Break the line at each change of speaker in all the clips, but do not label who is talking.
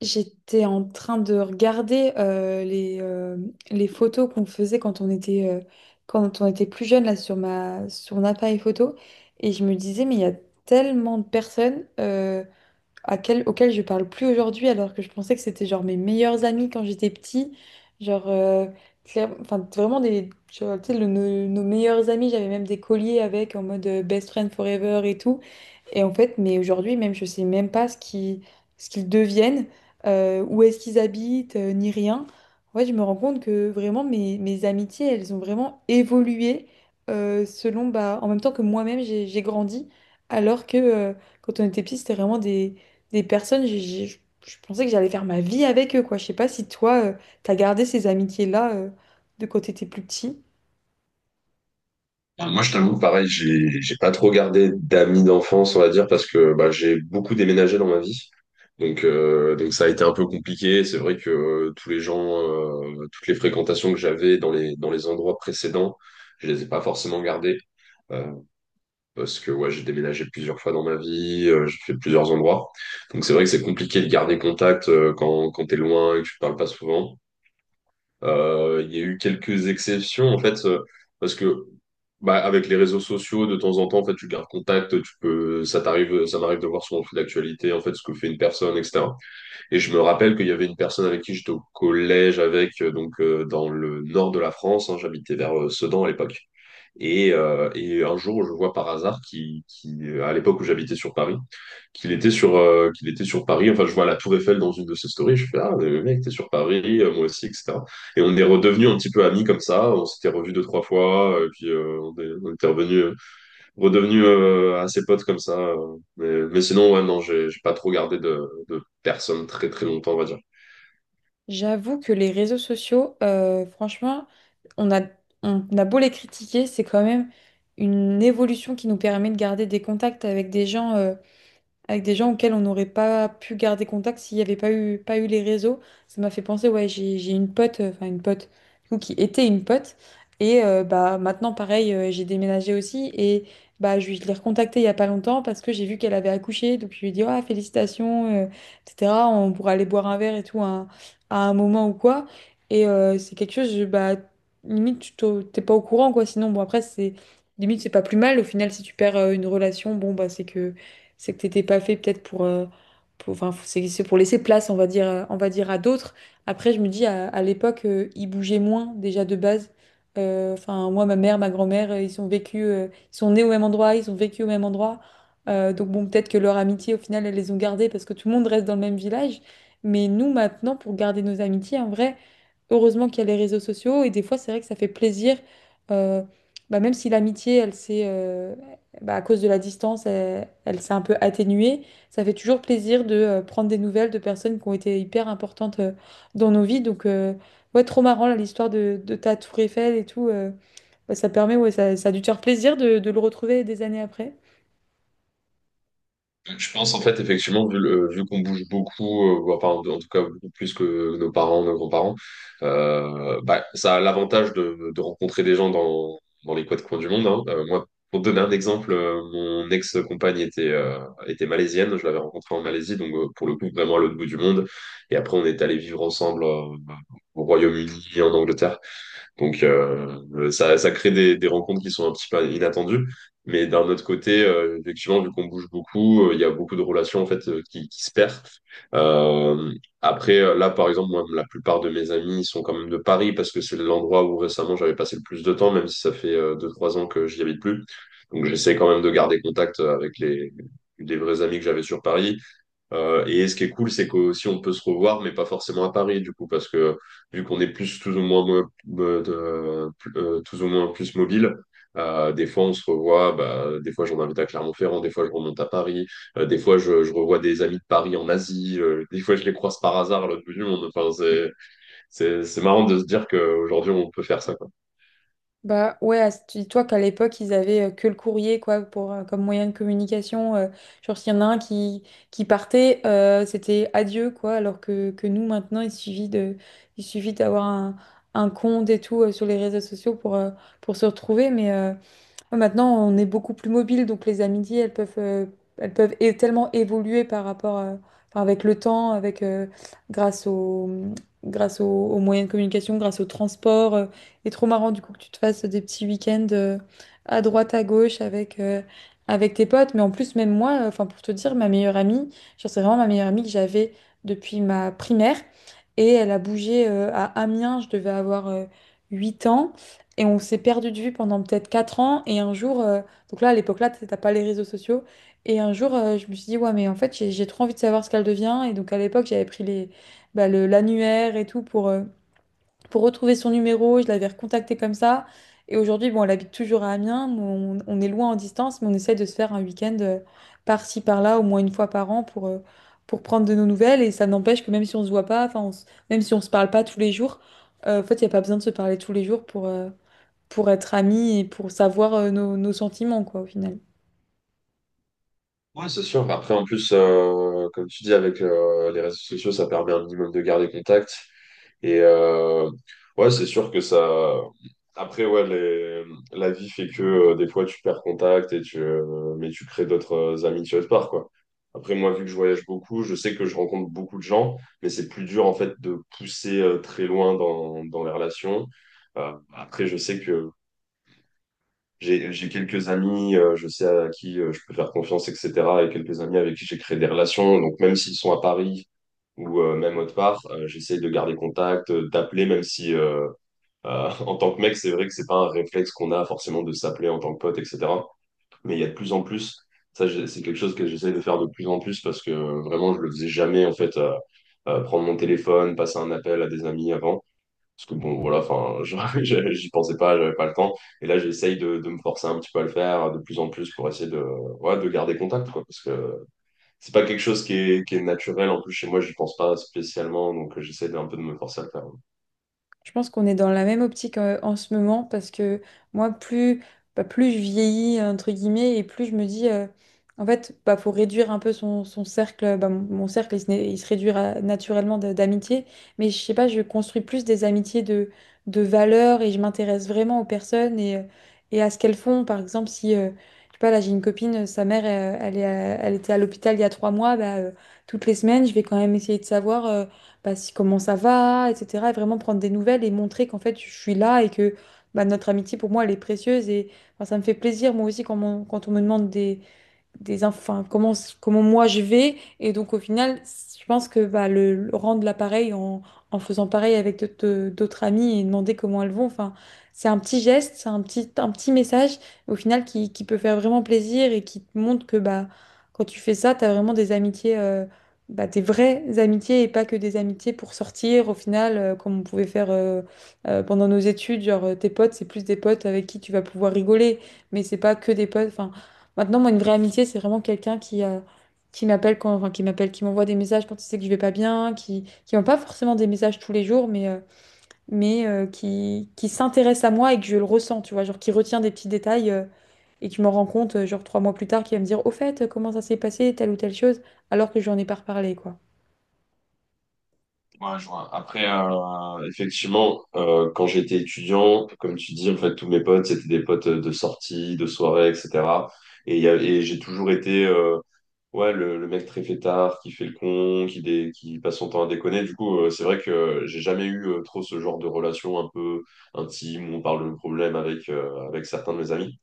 J'étais en train de regarder les photos qu'on faisait quand on était plus jeune là, sur mon appareil photo et je me disais mais il y a tellement de personnes, auxquelles je parle plus aujourd'hui alors que je pensais que c'était genre mes meilleurs amis quand j'étais petit, genre, enfin, vraiment des, genre, tu sais, nos meilleurs amis. J'avais même des colliers avec, en mode, best friend forever et tout. Et en fait, mais aujourd'hui, même, je sais même pas ce qu'ils deviennent, où est-ce qu'ils habitent, ni rien. En fait, je me rends compte que vraiment, mes amitiés, elles ont vraiment évolué, selon, bah, en même temps que moi-même, j'ai grandi. Alors que, quand on était petit, c'était vraiment des personnes, je pensais que j'allais faire ma vie avec eux, quoi. Je sais pas si toi, t'as gardé ces amitiés-là, de quand t'étais plus petit.
Enfin, moi, je t'avoue, pareil, j'ai pas trop gardé d'amis d'enfance, on va dire, parce que bah, j'ai beaucoup déménagé dans ma vie. Donc ça a été un peu compliqué. C'est vrai que tous les gens, toutes les fréquentations que j'avais dans les endroits précédents, je les ai pas forcément gardées euh, parce que ouais, j'ai déménagé plusieurs fois dans ma vie, j'ai fait plusieurs endroits. Donc c'est vrai que c'est compliqué de garder contact quand t'es loin et que tu te parles pas souvent. Il y a eu quelques exceptions en fait parce que bah, avec les réseaux sociaux, de temps en temps, en fait, tu gardes contact, tu peux, ça t'arrive, ça m'arrive de voir sur mon fil d'actualité, en fait, ce que fait une personne, etc. Et je me rappelle qu'il y avait une personne avec qui j'étais au collège avec, donc dans le nord de la France, hein, j'habitais vers Sedan à l'époque. Et un jour, je vois par hasard qui, à l'époque où j'habitais sur Paris, qu'il était sur Paris. Enfin, je vois la Tour Eiffel dans une de ses stories. Je fais, ah, le mec, t'es sur Paris, moi aussi, etc. Et on est redevenu un petit peu amis comme ça. On s'était revus deux, trois fois. Et puis, on était revenus redevenu assez potes comme ça. Mais sinon, ouais, non, j'ai pas trop gardé de personnes très très longtemps, on va dire.
J'avoue que les réseaux sociaux, franchement, on a, on a beau les critiquer, c'est quand même une évolution qui nous permet de garder des contacts avec des gens, avec des gens auxquels on n'aurait pas pu garder contact s'il n'y avait pas eu les réseaux. Ça m'a fait penser, ouais, j'ai une pote, enfin une pote, du coup, qui était une pote. Et bah, maintenant, pareil, j'ai déménagé aussi. Et bah, je l'ai recontactée il n'y a pas longtemps parce que j'ai vu qu'elle avait accouché. Donc, je lui ai dit, ah, félicitations, etc. On pourra aller boire un verre et tout, à un moment ou quoi. Et c'est quelque chose, bah, limite, t'es pas au courant, quoi. Sinon, bon, après, c'est limite, c'est pas plus mal. Au final, si tu perds, une relation, bon, bah, c'est que t'étais pas fait peut-être pour, enfin, c'est pour laisser place, on va dire, à d'autres. Après, je me dis, à l'époque, ils bougeaient moins déjà de base. Enfin, moi, ma mère, ma grand-mère, ils sont nés au même endroit, ils ont vécu au même endroit. Donc bon, peut-être que leur amitié, au final, elles les ont gardées parce que tout le monde reste dans le même village. Mais nous, maintenant, pour garder nos amitiés, en vrai, heureusement qu'il y a les réseaux sociaux et des fois, c'est vrai que ça fait plaisir. euh, bah, même si l'amitié, elle s'est bah, à cause de la distance, elle s'est un peu atténuée. Ça fait toujours plaisir de prendre des nouvelles de personnes qui ont été hyper importantes, dans nos vies. Donc, ouais, trop marrant, là, l'histoire de ta Tour Eiffel et tout. Bah, ça permet, ouais, ça a dû te faire plaisir de le retrouver des années après.
Je pense en fait, effectivement, vu qu'on bouge beaucoup, ou enfin, en tout cas beaucoup plus que nos parents, nos grands-parents, bah, ça a l'avantage de rencontrer des gens dans les quatre coins du monde, hein. Moi, pour te donner un exemple, mon ex-compagne était malaisienne, je l'avais rencontrée en Malaisie, donc pour le coup, vraiment à l'autre bout du monde. Et après, on est allé vivre ensemble au Royaume-Uni, en Angleterre. Donc, ça crée des rencontres qui sont un petit peu inattendues. Mais d'un autre côté, effectivement, vu qu'on bouge beaucoup, il y a beaucoup de relations en fait qui se perdent. Euh, après, là, par exemple, moi, la plupart de mes amis sont quand même de Paris parce que c'est l'endroit où récemment j'avais passé le plus de temps, même si ça fait deux, trois ans que j'y habite plus. Donc, j'essaie quand même de garder contact avec les vrais amis que j'avais sur Paris. Et ce qui est cool, c'est qu'aussi on peut se revoir, mais pas forcément à Paris, du coup, parce que vu qu'on est plus tous ou moins, tous ou moins plus mobile, des fois on se revoit, bah, des fois j'en invite à Clermont-Ferrand, des fois je remonte à Paris, des fois je revois des amis de Paris en Asie, des fois je les croise par hasard à l'autre bout du monde. Enfin, c'est marrant de se dire qu'aujourd'hui on peut faire ça, quoi.
Bah ouais, tu dis-toi qu'à l'époque, ils avaient, que le courrier quoi pour, comme moyen de communication. Genre s'il y en a un qui partait, c'était adieu quoi, alors que nous maintenant, il suffit d'avoir un, compte et tout, sur les réseaux sociaux pour, se retrouver. Mais, maintenant, on est beaucoup plus mobile, donc les amitiés, elles peuvent, tellement évoluer enfin, avec le temps, avec, grâce au, grâce au aux moyens de communication, grâce au transport. Et trop marrant, du coup, que tu te fasses des petits week-ends, à droite, à gauche, avec tes potes. Mais en plus, même moi, enfin, pour te dire, ma meilleure amie, genre, c'est vraiment ma meilleure amie que j'avais depuis ma primaire. Et elle a bougé, à Amiens, je devais avoir, 8 ans. Et on s'est perdu de vue pendant peut-être 4 ans. Et un jour, donc là, à l'époque là, t'as pas les réseaux sociaux. Et un jour, je me suis dit, ouais, mais en fait, j'ai trop envie de savoir ce qu'elle devient. Et donc à l'époque, j'avais pris bah, l'annuaire et tout pour, retrouver son numéro. Je l'avais recontacté comme ça. Et aujourd'hui, bon, elle habite toujours à Amiens, mais on est loin en distance, mais on essaie de se faire un week-end, par-ci, par-là, au moins une fois par an pour, prendre de nos nouvelles. Et ça n'empêche que même si on se voit pas, enfin, même si on se parle pas tous les jours, en fait, il n'y a pas besoin de se parler tous les jours pour être amis et pour savoir, nos sentiments, quoi, au final.
Ouais, c'est sûr. Après, en plus, comme tu dis, avec les réseaux sociaux, ça permet un minimum de garder contact. Et ouais, c'est sûr que ça. Après, ouais, la vie fait que des fois tu perds contact mais tu crées d'autres amitiés autre part, quoi. Après, moi, vu que je voyage beaucoup, je sais que je rencontre beaucoup de gens, mais c'est plus dur en fait de pousser très loin dans les relations. Après, je sais que j'ai quelques amis, je sais à qui je peux faire confiance, etc. Et quelques amis avec qui j'ai créé des relations. Donc, même s'ils sont à Paris ou même autre part, j'essaye de garder contact, d'appeler, même si en tant que mec, c'est vrai que c'est pas un réflexe qu'on a forcément de s'appeler en tant que pote, etc. Mais il y a de plus en plus. Ça, c'est quelque chose que j'essaye de faire de plus en plus parce que vraiment, je le faisais jamais, en fait, prendre mon téléphone, passer un appel à des amis avant. Parce que bon, voilà, enfin, j'y pensais pas, j'avais pas le temps. Et là, j'essaye de me forcer un petit peu à le faire de plus en plus pour essayer de, ouais, de garder contact, quoi. Parce que c'est pas quelque chose qui est naturel. En plus, chez moi, j'y pense pas spécialement. Donc, j'essaie un peu de me forcer à le faire.
Je pense qu'on est dans la même optique, en ce moment parce que moi, bah, plus je vieillis, entre guillemets, et plus je me dis, en fait, bah, faut réduire un peu son cercle. Bah, mon cercle, il se réduira naturellement d'amitié, mais je sais pas, je construis plus des amitiés de valeur et je m'intéresse vraiment aux personnes et à ce qu'elles font. Par exemple, si, je sais pas, là, j'ai une copine, sa mère, elle était à l'hôpital il y a 3 mois. Bah, toutes les semaines, je vais quand même essayer de savoir, bah, comment ça va, etc. Et vraiment prendre des nouvelles et montrer qu'en fait, je suis là et que bah, notre amitié, pour moi, elle est précieuse. Et enfin, ça me fait plaisir, moi aussi, quand, quand on me demande des enfin comment moi je vais, et donc au final je pense que bah, le rendre l'appareil en faisant pareil avec d'autres amis et demander comment elles vont enfin, c'est un petit geste, c'est un petit, message au final qui peut faire vraiment plaisir et qui te montre que bah quand tu fais ça t'as vraiment des amitiés, bah, des vraies amitiés et pas que des amitiés pour sortir au final, comme on pouvait faire, pendant nos études, genre, tes potes c'est plus des potes avec qui tu vas pouvoir rigoler mais c'est pas que des potes enfin. Maintenant, moi, une vraie amitié, c'est vraiment quelqu'un qui m'appelle quand, enfin, qui m'appelle, qui m'envoie des messages quand il sait que je vais pas bien, qui m'envoie pas forcément des messages tous les jours, mais, qui s'intéresse à moi et que je le ressens, tu vois, genre qui retient des petits détails, et qui m'en rend compte, genre 3 mois plus tard, qui va me dire, au fait, comment ça s'est passé, telle ou telle chose, alors que j'en ai pas reparlé, quoi.
Ouais, je vois. Après, effectivement, quand j'étais étudiant, comme tu dis, en fait, tous mes potes, c'était des potes de sortie, de soirée, etc. Et j'ai toujours été. Ouais, le mec très fêtard, qui fait le con, qui passe son temps à déconner. Du coup, c'est vrai que j'ai jamais eu trop ce genre de relation un peu intime où on parle de nos problèmes avec certains de mes amis.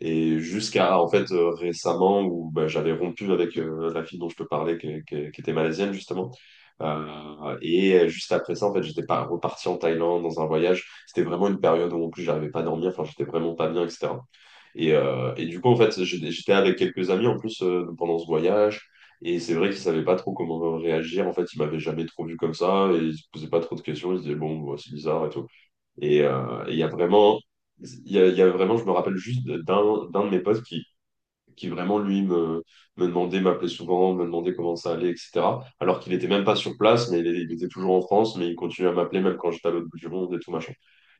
Et jusqu'à, en fait, récemment où bah, j'avais rompu avec la fille dont je te parlais, qui était malaisienne, justement. Et juste après ça, en fait, j'étais pas reparti en Thaïlande dans un voyage. C'était vraiment une période où, en plus, j'arrivais pas à dormir. Enfin, j'étais vraiment pas bien, etc. Et du coup, en fait, j'étais avec quelques amis en plus pendant ce voyage. Et c'est vrai qu'ils savaient pas trop comment réagir. En fait, ils m'avaient jamais trop vu comme ça. Et ils se posaient pas trop de questions. Ils se disaient, bon, bah, c'est bizarre et tout. Et il y a vraiment, il y a vraiment, je me rappelle juste d'un de mes potes qui vraiment, lui, me demandait, m'appelait souvent, me demandait comment ça allait, etc. Alors qu'il était même pas sur place, mais il était toujours en France. Mais il continuait à m'appeler même quand j'étais à l'autre bout du monde et tout, machin.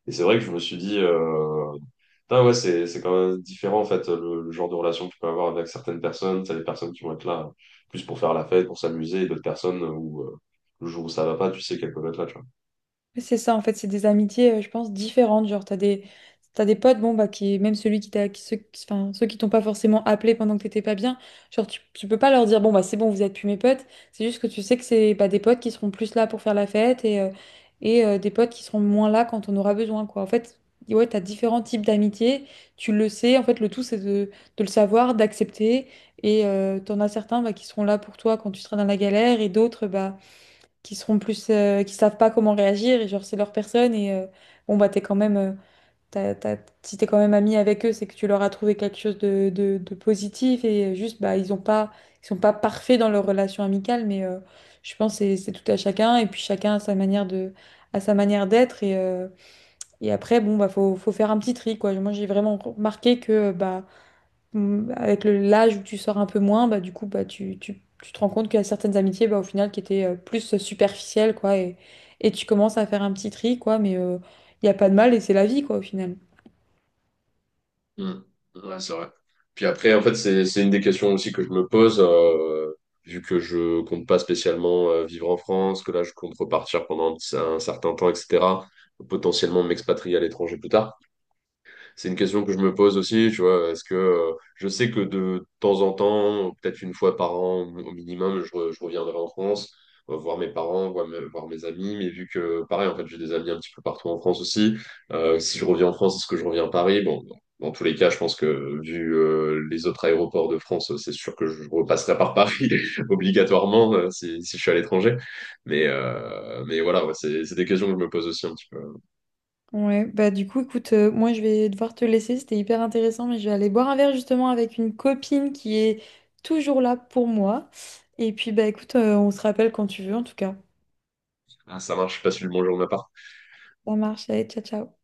Et c'est vrai que je me suis dit, ah ouais, c'est quand même différent en fait le genre de relation que tu peux avoir avec certaines personnes. T'as des personnes qui vont être là plus pour faire la fête, pour s'amuser, et d'autres personnes où le jour où ça va pas, tu sais qu'elles peuvent être là, tu vois.
Ouais, c'est ça, en fait, c'est des amitiés, je pense, différentes. Genre, t'as des potes, bon, bah, qui, même celui qui t'a, qui, ceux, enfin, ceux qui t'ont pas forcément appelé pendant que t'étais pas bien, genre, tu peux pas leur dire, bon, bah, c'est bon, vous êtes plus mes potes. C'est juste que tu sais que c'est, bah, des potes qui seront plus là pour faire la fête et des potes qui seront moins là quand on aura besoin, quoi. En fait, ouais, t'as différents types d'amitiés, tu le sais. En fait, le tout, c'est de le savoir, d'accepter. Et t'en as certains, bah, qui seront là pour toi quand tu seras dans la galère et d'autres, bah, qui seront plus, qui savent pas comment réagir et genre c'est leur personne et, bon bah t'es quand même, t'as- t'as- si t'es quand même ami avec eux c'est que tu leur as trouvé quelque chose de positif et, juste bah ils sont pas parfaits dans leur relation amicale mais, je pense que c'est tout à chacun et puis chacun a sa manière de à sa manière d'être et après bon bah faut faire un petit tri quoi, moi j'ai vraiment remarqué que bah, avec l'âge où tu sors un peu moins, bah, du coup, bah, tu te rends compte qu'il y a certaines amitiés, bah, au final, qui étaient, plus superficielles, quoi, et tu commences à faire un petit tri, quoi, mais, il n'y a pas de mal et c'est la vie, quoi, au final.
Hmm. Ouais, c'est vrai. Puis après, en fait, c'est une des questions aussi que je me pose, vu que je compte pas spécialement vivre en France, que là, je compte repartir pendant un certain temps, etc., potentiellement m'expatrier à l'étranger plus tard. C'est une question que je me pose aussi, tu vois. Est-ce que je sais que de temps en temps, peut-être une fois par an au minimum, je reviendrai en France, voir mes parents, voir mes amis. Mais vu que, pareil, en fait, j'ai des amis un petit peu partout en France aussi. Si je reviens en France, est-ce que je reviens à Paris? Bon, dans tous les cas, je pense que vu les autres aéroports de France, c'est sûr que je repasserai par Paris obligatoirement si je suis à l'étranger. Mais voilà, ouais, c'est des questions que je me pose aussi un petit peu.
Ouais, bah du coup, écoute, moi je vais devoir te laisser, c'était hyper intéressant, mais je vais aller boire un verre justement avec une copine qui est toujours là pour moi. Et puis, bah écoute, on se rappelle quand tu veux, en tout cas.
Ah, ça marche, je passe une bonne journée à Paris.
Ça marche, allez, ciao, ciao.